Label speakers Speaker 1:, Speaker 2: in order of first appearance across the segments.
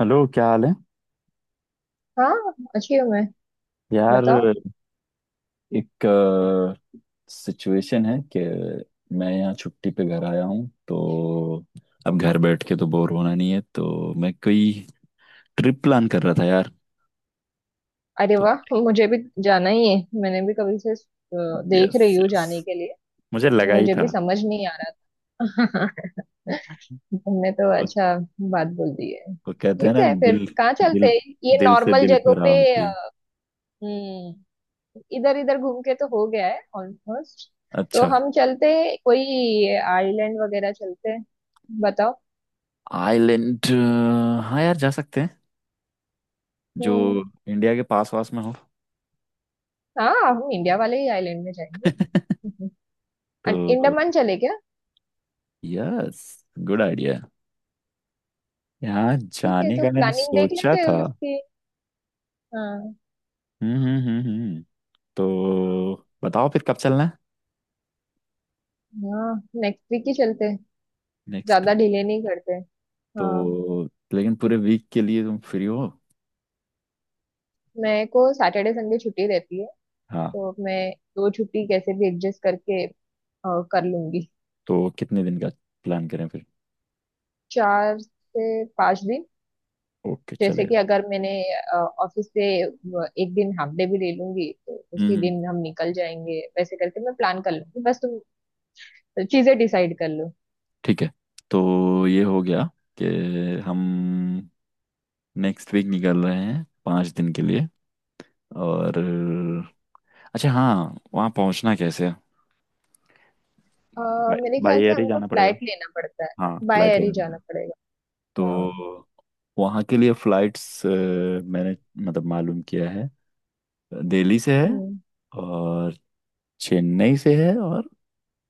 Speaker 1: Hello, क्या हाल है
Speaker 2: हाँ, अच्छी हूँ मैं।
Speaker 1: यार।
Speaker 2: बताओ।
Speaker 1: एक सिचुएशन है कि मैं यहाँ छुट्टी पे घर आया हूँ, तो अब घर बैठ के तो बोर होना नहीं है, तो मैं कोई ट्रिप प्लान कर रहा था यार।
Speaker 2: अरे
Speaker 1: तो
Speaker 2: वाह, मुझे भी जाना ही है। मैंने भी कभी से देख रही
Speaker 1: यस,
Speaker 2: हूँ
Speaker 1: यस,
Speaker 2: जाने के लिए।
Speaker 1: मुझे लगा ही
Speaker 2: मुझे
Speaker 1: था।
Speaker 2: भी समझ नहीं आ रहा था। तुमने तो
Speaker 1: वो,
Speaker 2: अच्छा बात बोल दी है।
Speaker 1: कहते हैं
Speaker 2: ठीक
Speaker 1: ना,
Speaker 2: है, फिर
Speaker 1: दिल
Speaker 2: कहाँ चलते
Speaker 1: दिल
Speaker 2: हैं? ये
Speaker 1: दिल से
Speaker 2: नॉर्मल
Speaker 1: दिल को
Speaker 2: जगहों पे
Speaker 1: राह होती है।
Speaker 2: अ, हम्म, इधर इधर घूम के तो हो गया है ऑलमोस्ट। तो
Speaker 1: अच्छा।
Speaker 2: हम चलते हैं, कोई आइलैंड वगैरह चलते हैं, बताओ।
Speaker 1: आइलैंड। हाँ यार, जा सकते हैं जो
Speaker 2: हम्म।
Speaker 1: इंडिया के पास वास में हो।
Speaker 2: हाँ, हम इंडिया वाले ही आइलैंड में जाएंगे।
Speaker 1: तो
Speaker 2: अंडमान चले क्या?
Speaker 1: यस, गुड आइडिया, यहाँ
Speaker 2: ठीक है,
Speaker 1: जाने
Speaker 2: तो
Speaker 1: का मैंने
Speaker 2: प्लानिंग देख
Speaker 1: सोचा
Speaker 2: लेते हैं
Speaker 1: था।
Speaker 2: उसकी। हाँ।
Speaker 1: हम्म, हम्म, हम्म, तो बताओ फिर कब चलना है।
Speaker 2: हाँ, नेक्स्ट वीक ही चलते हैं,
Speaker 1: नेक्स्ट।
Speaker 2: ज्यादा डिले नहीं करते। हाँ,
Speaker 1: तो लेकिन पूरे वीक के लिए तुम फ्री हो?
Speaker 2: मेरे को सैटरडे संडे छुट्टी रहती है,
Speaker 1: हाँ।
Speaker 2: तो मैं दो छुट्टी कैसे भी एडजस्ट करके कर लूंगी।
Speaker 1: तो कितने दिन का प्लान करें फिर?
Speaker 2: चार से पांच दिन।
Speaker 1: ओके,
Speaker 2: जैसे कि
Speaker 1: चलेगा।
Speaker 2: अगर मैंने ऑफिस से एक दिन हाफ डे भी ले लूंगी तो उसी
Speaker 1: हम्म, हम्म।
Speaker 2: दिन हम निकल जाएंगे, वैसे करके मैं प्लान कर लूंगी, बस तुम चीजें डिसाइड कर लो।
Speaker 1: ठीक है, तो ये हो गया कि हम नेक्स्ट वीक निकल रहे हैं 5 दिन के लिए। और अच्छा हाँ, वहाँ पहुँचना कैसे है?
Speaker 2: अ, मेरे
Speaker 1: बाई
Speaker 2: ख्याल से
Speaker 1: एयर ही
Speaker 2: हमको
Speaker 1: जाना पड़ेगा।
Speaker 2: फ्लाइट लेना पड़ता है।
Speaker 1: हाँ,
Speaker 2: बाय
Speaker 1: फ्लाइट
Speaker 2: एयर
Speaker 1: लेना
Speaker 2: ही जाना
Speaker 1: पड़ेगा।
Speaker 2: पड़ेगा। हाँ।
Speaker 1: तो वहाँ के लिए फ्लाइट्स मैंने, मतलब, मालूम किया है। दिल्ली से है,
Speaker 2: हम्म।
Speaker 1: और चेन्नई से है, और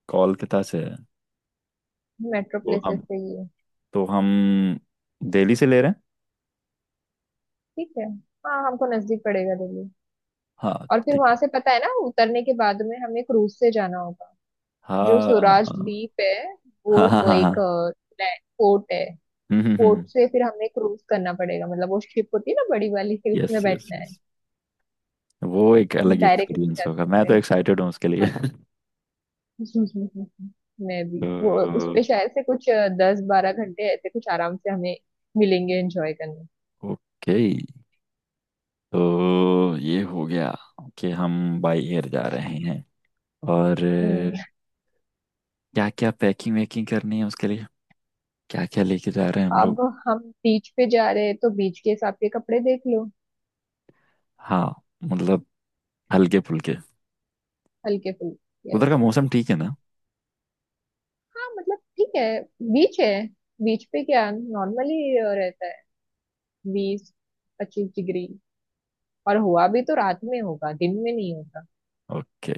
Speaker 1: कोलकाता से है।
Speaker 2: मेट्रो
Speaker 1: तो
Speaker 2: प्लेसेस
Speaker 1: हम
Speaker 2: पे ही है।
Speaker 1: तो हम दिल्ली से ले रहे हैं।
Speaker 2: ठीक है। हाँ, हमको नजदीक पड़ेगा दिल्ली।
Speaker 1: हाँ
Speaker 2: और फिर
Speaker 1: ठीक
Speaker 2: वहां
Speaker 1: है।
Speaker 2: से पता है ना, उतरने के बाद में हमें क्रूज से जाना होगा। जो
Speaker 1: हाँ,
Speaker 2: स्वराज
Speaker 1: हाँ,
Speaker 2: द्वीप है वो,
Speaker 1: हाँ, हाँ,
Speaker 2: वो
Speaker 1: हाँ, हाँ।
Speaker 2: एक पोर्ट है।
Speaker 1: हम्म।
Speaker 2: पोर्ट से फिर हमें क्रूज करना पड़ेगा, मतलब वो शिप होती है ना बड़ी वाली, फिर
Speaker 1: यस,
Speaker 2: उसमें
Speaker 1: यस,
Speaker 2: बैठना है।
Speaker 1: यस, वो एक अलग
Speaker 2: डायरेक्ट नहीं
Speaker 1: एक्सपीरियंस
Speaker 2: जा
Speaker 1: होगा, मैं
Speaker 2: सकते।
Speaker 1: तो एक्साइटेड हूँ उसके लिए।
Speaker 2: हाँ। मैं भी
Speaker 1: तो
Speaker 2: वो उस पे शायद से कुछ 10-12 घंटे ऐसे कुछ आराम से हमें मिलेंगे एंजॉय करने।
Speaker 1: ओके, तो ये हो गया कि हम बाई एयर जा रहे हैं। और
Speaker 2: हम्म,
Speaker 1: क्या क्या पैकिंग वैकिंग करनी है उसके लिए, क्या क्या लेके जा रहे हैं हम
Speaker 2: अब
Speaker 1: लोग?
Speaker 2: हम बीच पे जा रहे हैं तो बीच के हिसाब के कपड़े देख लो।
Speaker 1: हाँ मतलब, हल्के फुल्के।
Speaker 2: हल्के फुल्के
Speaker 1: उधर
Speaker 2: yes।
Speaker 1: का मौसम ठीक है ना?
Speaker 2: हाँ, मतलब ठीक है, बीच है। बीच पे क्या नॉर्मली रहता है, 20-25 डिग्री। और हुआ भी तो रात में होगा, दिन में नहीं होगा।
Speaker 1: ओके।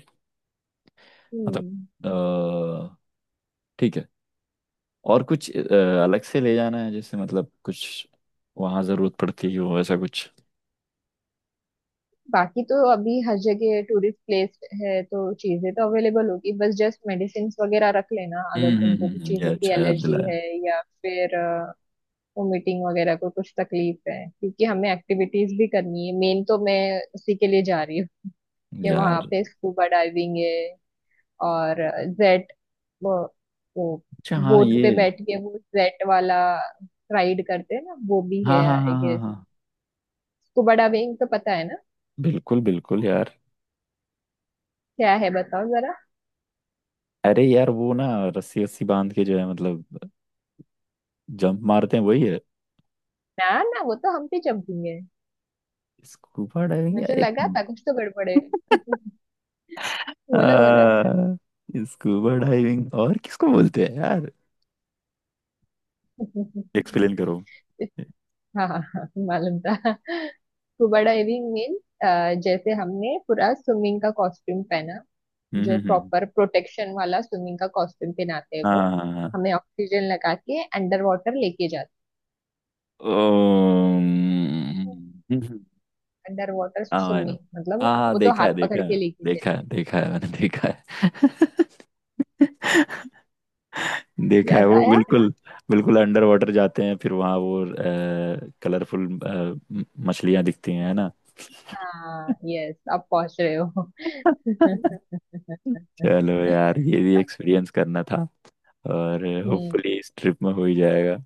Speaker 1: मतलब,
Speaker 2: हम्म।
Speaker 1: अ, ठीक है। और कुछ अलग से ले जाना है, जैसे मतलब कुछ वहाँ जरूरत पड़ती हो ऐसा कुछ?
Speaker 2: बाकी तो अभी हर जगह टूरिस्ट प्लेस है तो चीजें तो अवेलेबल होगी, बस जस्ट मेडिसिन वगैरह रख लेना अगर
Speaker 1: हम्म, हम्म,
Speaker 2: तुमको कुछ
Speaker 1: ये
Speaker 2: चीजों की
Speaker 1: अच्छा याद
Speaker 2: एलर्जी
Speaker 1: दिलाया
Speaker 2: है या फिर वोमिटिंग वगैरह को कुछ तकलीफ है। क्योंकि हमें एक्टिविटीज भी करनी है मेन, तो मैं उसी के लिए जा रही हूँ कि वहां
Speaker 1: यार।
Speaker 2: पे स्कूबा डाइविंग है। और जेट वो, वो
Speaker 1: अच्छा हाँ
Speaker 2: बोट
Speaker 1: ये।
Speaker 2: पे बैठ के वो जेट वाला राइड करते हैं ना, वो भी
Speaker 1: हाँ,
Speaker 2: है
Speaker 1: हाँ, हाँ,
Speaker 2: आई
Speaker 1: हाँ,
Speaker 2: गेस।
Speaker 1: हाँ।
Speaker 2: स्कूबा डाइविंग तो पता है ना,
Speaker 1: बिल्कुल बिल्कुल यार।
Speaker 2: क्या है बताओ जरा।
Speaker 1: अरे यार वो ना, रस्सी रस्सी बांध के जो है, मतलब जंप मारते हैं, वही है
Speaker 2: ना ना, वो तो हम पे जंपिंग है।
Speaker 1: स्कूबा डाइविंग या
Speaker 2: मुझे
Speaker 1: एक।
Speaker 2: लगा था कुछ तो गड़बड़ है। बोलो बोलो।
Speaker 1: आ, स्कूबा डाइविंग और किसको बोलते हैं यार? एक्सप्लेन करो।
Speaker 2: हाँ हाँ हाँ, मालूम था स्कूबा डाइविंग मीन, जैसे हमने पूरा स्विमिंग का कॉस्ट्यूम पहना।
Speaker 1: हम्म,
Speaker 2: जो
Speaker 1: हम्म।
Speaker 2: प्रॉपर प्रोटेक्शन वाला स्विमिंग का कॉस्ट्यूम पहनाते हैं वो
Speaker 1: हाँ।
Speaker 2: हमें ऑक्सीजन लगा के अंडर वाटर लेके जाते।
Speaker 1: ओम।
Speaker 2: अंडर वाटर
Speaker 1: हाँ, आई नो।
Speaker 2: स्विमिंग मतलब वो
Speaker 1: हाँ हाँ,
Speaker 2: वो तो
Speaker 1: देखा
Speaker 2: हाथ
Speaker 1: है,
Speaker 2: पकड़
Speaker 1: देखा
Speaker 2: के
Speaker 1: है।
Speaker 2: लेके जाए।
Speaker 1: देखा है, देखा है, मैंने देखा है, देखा है
Speaker 2: याद
Speaker 1: वो।
Speaker 2: आया।
Speaker 1: बिल्कुल, बिल्कुल अंडर वाटर जाते हैं, फिर वहाँ वो कलरफुल मछलियाँ दिखती हैं, है ना?
Speaker 2: हाँ यस, आप पहुंच रहे हो।
Speaker 1: चलो यार, ये भी एक्सपीरियंस करना था, और
Speaker 2: हम्म।
Speaker 1: होपफुली इस ट्रिप में हो ही जाएगा।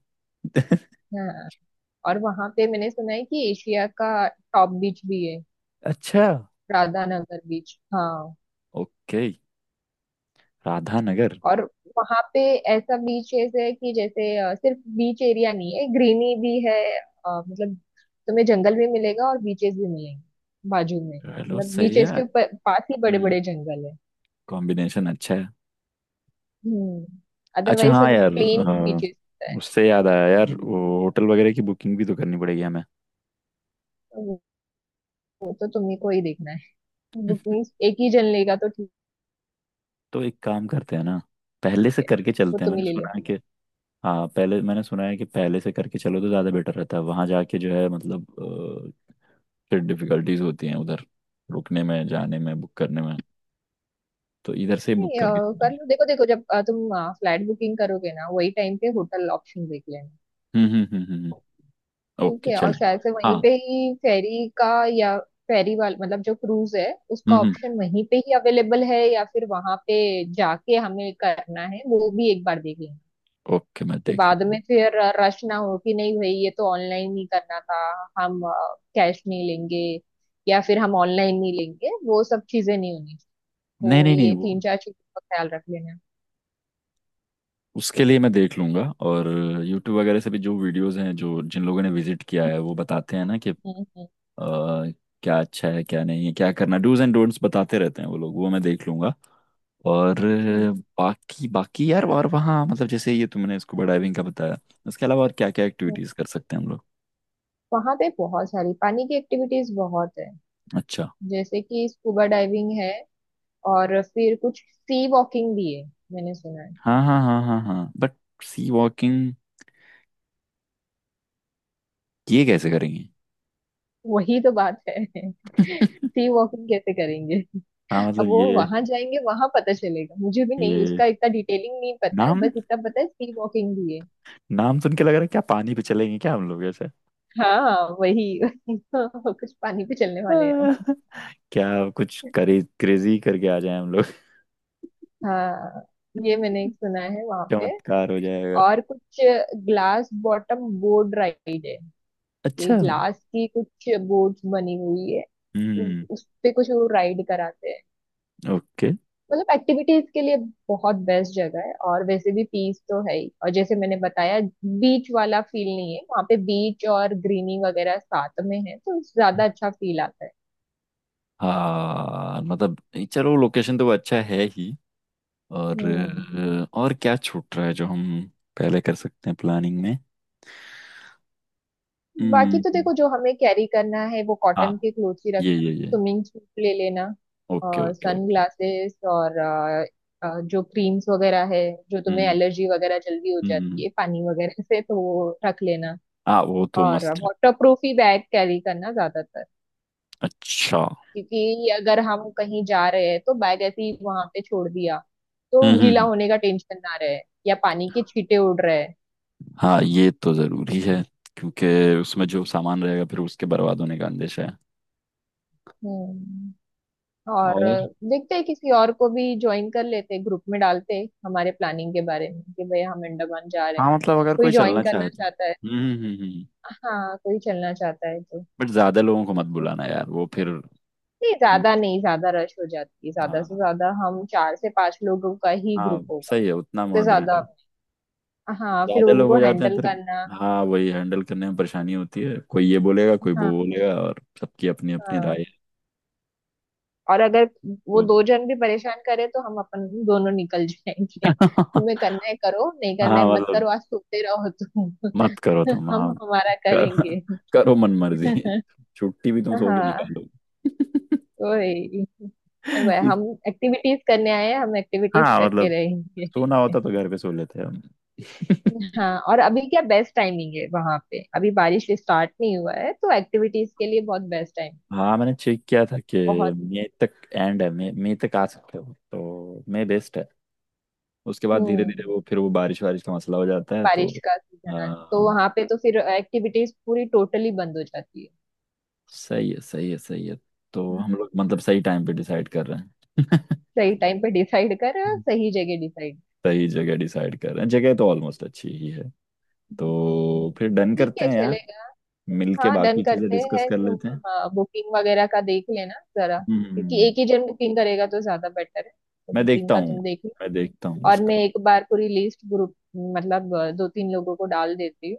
Speaker 2: हाँ, और वहां पे मैंने सुना है कि एशिया का टॉप बीच भी है,
Speaker 1: अच्छा।
Speaker 2: राधानगर बीच, हाँ।
Speaker 1: ओके। राधा नगर।
Speaker 2: और वहां पे ऐसा बीचेस है कि जैसे सिर्फ बीच एरिया नहीं है, ग्रीनरी भी है। मतलब तुम्हें जंगल भी मिलेगा और बीचेस भी मिलेंगे, बाजू में,
Speaker 1: चलो
Speaker 2: मतलब
Speaker 1: सही है।
Speaker 2: बीचेस के ऊपर पास ही बड़े
Speaker 1: हम्म।
Speaker 2: बड़े जंगल है।
Speaker 1: कॉम्बिनेशन अच्छा है।
Speaker 2: हम्म,
Speaker 1: अच्छा
Speaker 2: अदरवाइज
Speaker 1: हाँ
Speaker 2: सब
Speaker 1: यार,
Speaker 2: प्लेन बीचेस होता है।
Speaker 1: उससे याद आया यार, वो होटल वगैरह की बुकिंग भी तो करनी पड़ेगी हमें।
Speaker 2: तो वो तो तुम्हें को ही देखना है, बुकिंग एक ही जन लेगा तो ठीक।
Speaker 1: तो एक काम करते हैं ना, पहले
Speaker 2: ठीक
Speaker 1: से
Speaker 2: है,
Speaker 1: करके
Speaker 2: वो
Speaker 1: चलते हैं,
Speaker 2: तुम ही
Speaker 1: मैंने
Speaker 2: ले लो।
Speaker 1: सुना है कि। हाँ पहले, मैंने सुना है कि पहले से करके चलो तो ज़्यादा बेटर रहता है। वहाँ जाके जो है, मतलब अ, फिर डिफिकल्टीज होती हैं उधर रुकने में, जाने में, बुक करने में। तो इधर से ही बुक
Speaker 2: नहीं,
Speaker 1: करके
Speaker 2: कर
Speaker 1: चलेंगे।
Speaker 2: लो, देखो देखो, जब तुम फ्लैट बुकिंग करोगे ना वही टाइम पे होटल ऑप्शन देख लेना।
Speaker 1: हम्म, हम्म, हम्म, हम्म,
Speaker 2: ठीक
Speaker 1: ओके,
Speaker 2: है। और
Speaker 1: चलेंगे।
Speaker 2: शायद से वहीं
Speaker 1: हाँ।
Speaker 2: पे ही फेरी का, या फेरी वाल, मतलब जो क्रूज है, उसका
Speaker 1: हम्म, हम्म।
Speaker 2: ऑप्शन वहीं पे ही अवेलेबल है या फिर वहां पे जाके हमें करना है, वो भी एक बार देख लेंगे
Speaker 1: ओके, मैं
Speaker 2: कि
Speaker 1: देख
Speaker 2: बाद
Speaker 1: लूंगा।
Speaker 2: में फिर रश ना हो, कि नहीं भाई, ये तो ऑनलाइन ही करना था, हम कैश नहीं लेंगे, या फिर हम ऑनलाइन नहीं लेंगे, वो सब चीजें नहीं होनी चाहिए।
Speaker 1: नहीं
Speaker 2: तो
Speaker 1: नहीं नहीं,
Speaker 2: ये
Speaker 1: वो
Speaker 2: तीन चार चीजों का ख्याल रख लेना।
Speaker 1: उसके लिए मैं देख लूंगा। और यूट्यूब वगैरह से भी जो वीडियोस हैं, जो जिन लोगों ने विजिट किया है, वो बताते हैं ना कि
Speaker 2: हम्म।
Speaker 1: क्या अच्छा है, क्या नहीं है, क्या करना, डूज एंड डोंट्स, बताते रहते हैं वो लोग, वो मैं देख लूंगा। और
Speaker 2: ठीक
Speaker 1: बाकी बाकी यार, और वहाँ मतलब जैसे ये तुमने स्कूबा डाइविंग का बताया, उसके अलावा और क्या क्या
Speaker 2: है,
Speaker 1: एक्टिविटीज कर सकते हैं हम लोग?
Speaker 2: वहां पे बहुत सारी पानी की एक्टिविटीज बहुत है।
Speaker 1: अच्छा।
Speaker 2: जैसे कि स्कूबा डाइविंग है, और फिर कुछ सी वॉकिंग भी है, मैंने सुना है।
Speaker 1: हाँ, हाँ, हाँ, हाँ, हाँ, बट सी वॉकिंग ये कैसे करेंगे?
Speaker 2: वही तो बात है। सी वॉकिंग कैसे करेंगे?
Speaker 1: हाँ
Speaker 2: अब
Speaker 1: मतलब
Speaker 2: वो
Speaker 1: ये,
Speaker 2: वहां जाएंगे वहां पता चलेगा, मुझे भी नहीं उसका
Speaker 1: ये
Speaker 2: इतना डिटेलिंग नहीं पता है,
Speaker 1: नाम,
Speaker 2: बस इतना पता है सी वॉकिंग भी है।
Speaker 1: नाम सुन के लग रहा है क्या पानी पे चलेंगे क्या हम लोग
Speaker 2: हाँ वही वही। कुछ पानी पे चलने वाले हैं।
Speaker 1: ऐसे? क्या कुछ करी क्रेजी करके आ जाए हम लोग।
Speaker 2: हाँ, ये मैंने एक सुना है वहां पे।
Speaker 1: चमत्कार हो जाएगा।
Speaker 2: और कुछ ग्लास बॉटम बोर्ड राइड है। ये
Speaker 1: अच्छा।
Speaker 2: ग्लास की कुछ बोर्ड्स बनी हुई है,
Speaker 1: हम्म।
Speaker 2: उस पे कुछ वो राइड कराते हैं।
Speaker 1: ओके।
Speaker 2: मतलब एक्टिविटीज के लिए बहुत बेस्ट जगह है, और वैसे भी पीस तो है ही। और जैसे मैंने बताया, बीच वाला फील नहीं है वहाँ पे, बीच और ग्रीनी वगैरह साथ में है तो ज्यादा अच्छा फील आता है।
Speaker 1: हाँ मतलब चलो, लोकेशन तो वो अच्छा है ही। और
Speaker 2: हम्म।
Speaker 1: और क्या छूट रहा है जो हम पहले कर सकते हैं प्लानिंग में?
Speaker 2: बाकी
Speaker 1: हम्म।
Speaker 2: तो देखो जो हमें कैरी करना है, वो
Speaker 1: हाँ,
Speaker 2: कॉटन के क्लोथ्स ही
Speaker 1: ये,
Speaker 2: रखना,
Speaker 1: ये, ये।
Speaker 2: स्विमिंग सूट ले लेना,
Speaker 1: ओके,
Speaker 2: और
Speaker 1: ओके,
Speaker 2: सन
Speaker 1: ओके।
Speaker 2: ग्लासेस, और जो क्रीम्स वगैरह है, जो
Speaker 1: हम्म,
Speaker 2: तुम्हें
Speaker 1: हम्म,
Speaker 2: एलर्जी वगैरह जल्दी हो
Speaker 1: हम्म,
Speaker 2: जाती
Speaker 1: हम्म।
Speaker 2: है पानी वगैरह से, तो वो रख लेना।
Speaker 1: हाँ, वो तो
Speaker 2: और
Speaker 1: मस्त है।
Speaker 2: वाटर प्रूफ ही बैग कैरी करना ज्यादातर,
Speaker 1: अच्छा। हम्म।
Speaker 2: क्योंकि अगर हम कहीं जा रहे हैं तो बैग ऐसे ही वहां पे छोड़ दिया, तो
Speaker 1: हम्म,
Speaker 2: गीला
Speaker 1: हम्म।
Speaker 2: होने का टेंशन ना रहे या पानी के छींटे उड़ रहे हैं।
Speaker 1: हाँ, ये तो जरूरी है। क्योंकि उसमें जो सामान रहेगा फिर उसके बर्बाद होने का अंदेशा
Speaker 2: हम्म। और
Speaker 1: है।
Speaker 2: देखते हैं किसी और को भी ज्वाइन कर लेते हैं, ग्रुप में डालते हैं हमारे प्लानिंग के बारे में कि भाई हम अंडमान जा रहे हैं,
Speaker 1: हाँ मतलब, अगर
Speaker 2: कोई
Speaker 1: कोई
Speaker 2: ज्वाइन
Speaker 1: चलना चाहे
Speaker 2: करना
Speaker 1: तो।
Speaker 2: चाहता है।
Speaker 1: हम्म, हम्म, हम्म।
Speaker 2: हाँ, कोई चलना चाहता है तो
Speaker 1: बट ज्यादा लोगों को मत
Speaker 2: हो
Speaker 1: बुलाना यार, वो
Speaker 2: सकता
Speaker 1: फिर
Speaker 2: है। नहीं, ज्यादा
Speaker 1: उनको-
Speaker 2: नहीं, ज्यादा रश हो जाती है, ज्यादा से
Speaker 1: हाँ,
Speaker 2: ज्यादा हम चार से पांच लोगों का ही
Speaker 1: हाँ
Speaker 2: ग्रुप होगा,
Speaker 1: सही है, उतना
Speaker 2: उससे
Speaker 1: मॉडरेट।
Speaker 2: ज्यादा हाँ फिर
Speaker 1: ज्यादा लोग
Speaker 2: उनको
Speaker 1: हो जाते हैं
Speaker 2: हैंडल
Speaker 1: फिर।
Speaker 2: करना।
Speaker 1: हाँ वही, हैंडल करने में परेशानी होती है, कोई ये बोलेगा कोई वो
Speaker 2: हाँ,
Speaker 1: बोलेगा, और सबकी अपनी अपनी
Speaker 2: हाँ।
Speaker 1: राय है।
Speaker 2: और अगर वो
Speaker 1: तो
Speaker 2: दो जन भी परेशान करे तो हम अपन दोनों निकल जाएंगे, तुम्हें करना है करो, नहीं करना
Speaker 1: हाँ
Speaker 2: है मत
Speaker 1: मतलब,
Speaker 2: करो, आज सोते रहो तुम।
Speaker 1: मत करो तुम,
Speaker 2: हम
Speaker 1: हाँ।
Speaker 2: हमारा
Speaker 1: कर,
Speaker 2: करेंगे।
Speaker 1: करो मन मर्जी। छुट्टी भी तुम सो के
Speaker 2: हाँ,
Speaker 1: निकालो।
Speaker 2: तो यही। भाई, हम एक्टिविटीज करने आए हैं, हम एक्टिविटीज
Speaker 1: हाँ
Speaker 2: करके
Speaker 1: मतलब,
Speaker 2: रहेंगे।
Speaker 1: सोना होता तो घर पे सो लेते हम।
Speaker 2: हाँ, और अभी क्या बेस्ट टाइमिंग है वहां पे, अभी बारिश स्टार्ट नहीं हुआ है तो एक्टिविटीज के लिए बहुत बेस्ट टाइम।
Speaker 1: हाँ मैंने चेक किया था कि
Speaker 2: बहुत
Speaker 1: मई तक एंड है। मई मई तक आ सकते हो। तो मई बेस्ट है। उसके बाद धीरे धीरे
Speaker 2: हम्म।
Speaker 1: वो, फिर वो बारिश वारिश का मसला हो जाता है। तो
Speaker 2: बारिश का सीजन आना तो
Speaker 1: हाँ,
Speaker 2: वहां पे तो फिर एक्टिविटीज पूरी टोटली बंद हो जाती है।
Speaker 1: सही है, सही है, सही है। तो हम लोग मतलब, सही टाइम पे डिसाइड कर रहे हैं।
Speaker 2: सही टाइम पे डिसाइड कर, सही जगह डिसाइड।
Speaker 1: सही जगह डिसाइड कर रहे हैं। जगह तो ऑलमोस्ट अच्छी ही है।
Speaker 2: हम्म,
Speaker 1: तो फिर डन
Speaker 2: ठीक
Speaker 1: करते
Speaker 2: है
Speaker 1: हैं यार,
Speaker 2: चलेगा।
Speaker 1: मिलके
Speaker 2: हाँ डन
Speaker 1: बाकी चीजें
Speaker 2: करते
Speaker 1: डिस्कस
Speaker 2: हैं,
Speaker 1: कर लेते हैं।
Speaker 2: तुम बुकिंग वगैरह का देख लेना जरा, क्योंकि
Speaker 1: हम्म।
Speaker 2: एक ही जन बुकिंग करेगा तो ज्यादा बेटर है, तो
Speaker 1: मैं
Speaker 2: बुकिंग
Speaker 1: देखता
Speaker 2: का
Speaker 1: हूँ,
Speaker 2: तुम देख लो।
Speaker 1: मैं देखता हूँ
Speaker 2: और
Speaker 1: उसका।
Speaker 2: मैं एक बार पूरी लिस्ट ग्रुप, मतलब दो तीन लोगों को डाल देती हूँ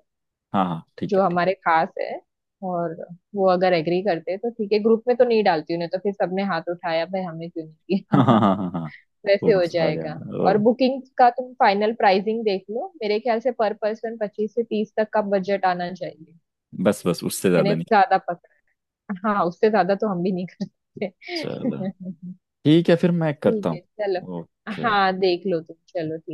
Speaker 1: हाँ हाँ ठीक
Speaker 2: जो
Speaker 1: है, ठीक।
Speaker 2: हमारे खास है। और वो अगर एग्री करते हैं तो ठीक है, ग्रुप में तो नहीं डालती उन्हें तो फिर सबने हाथ उठाया, भाई हमें क्यों नहीं
Speaker 1: हाँ, हाँ,
Speaker 2: किया।
Speaker 1: हाँ, हाँ, हाँ, वो
Speaker 2: वैसे हो
Speaker 1: मसला आ गया।
Speaker 2: जाएगा।
Speaker 1: ओ।
Speaker 2: और बुकिंग का तुम फाइनल प्राइसिंग देख लो, मेरे ख्याल से पर पर्सन 25 से 30 तक का बजट आना चाहिए।
Speaker 1: बस, बस, उससे
Speaker 2: मैंने
Speaker 1: ज्यादा नहीं।
Speaker 2: ज्यादा पकड़ा? हाँ, उससे ज्यादा तो हम भी नहीं करते।
Speaker 1: चलो ठीक है फिर, मैं
Speaker 2: ठीक
Speaker 1: करता हूँ।
Speaker 2: है चलो।
Speaker 1: ओके।
Speaker 2: हाँ, देख लो तुम, चलो ठीक।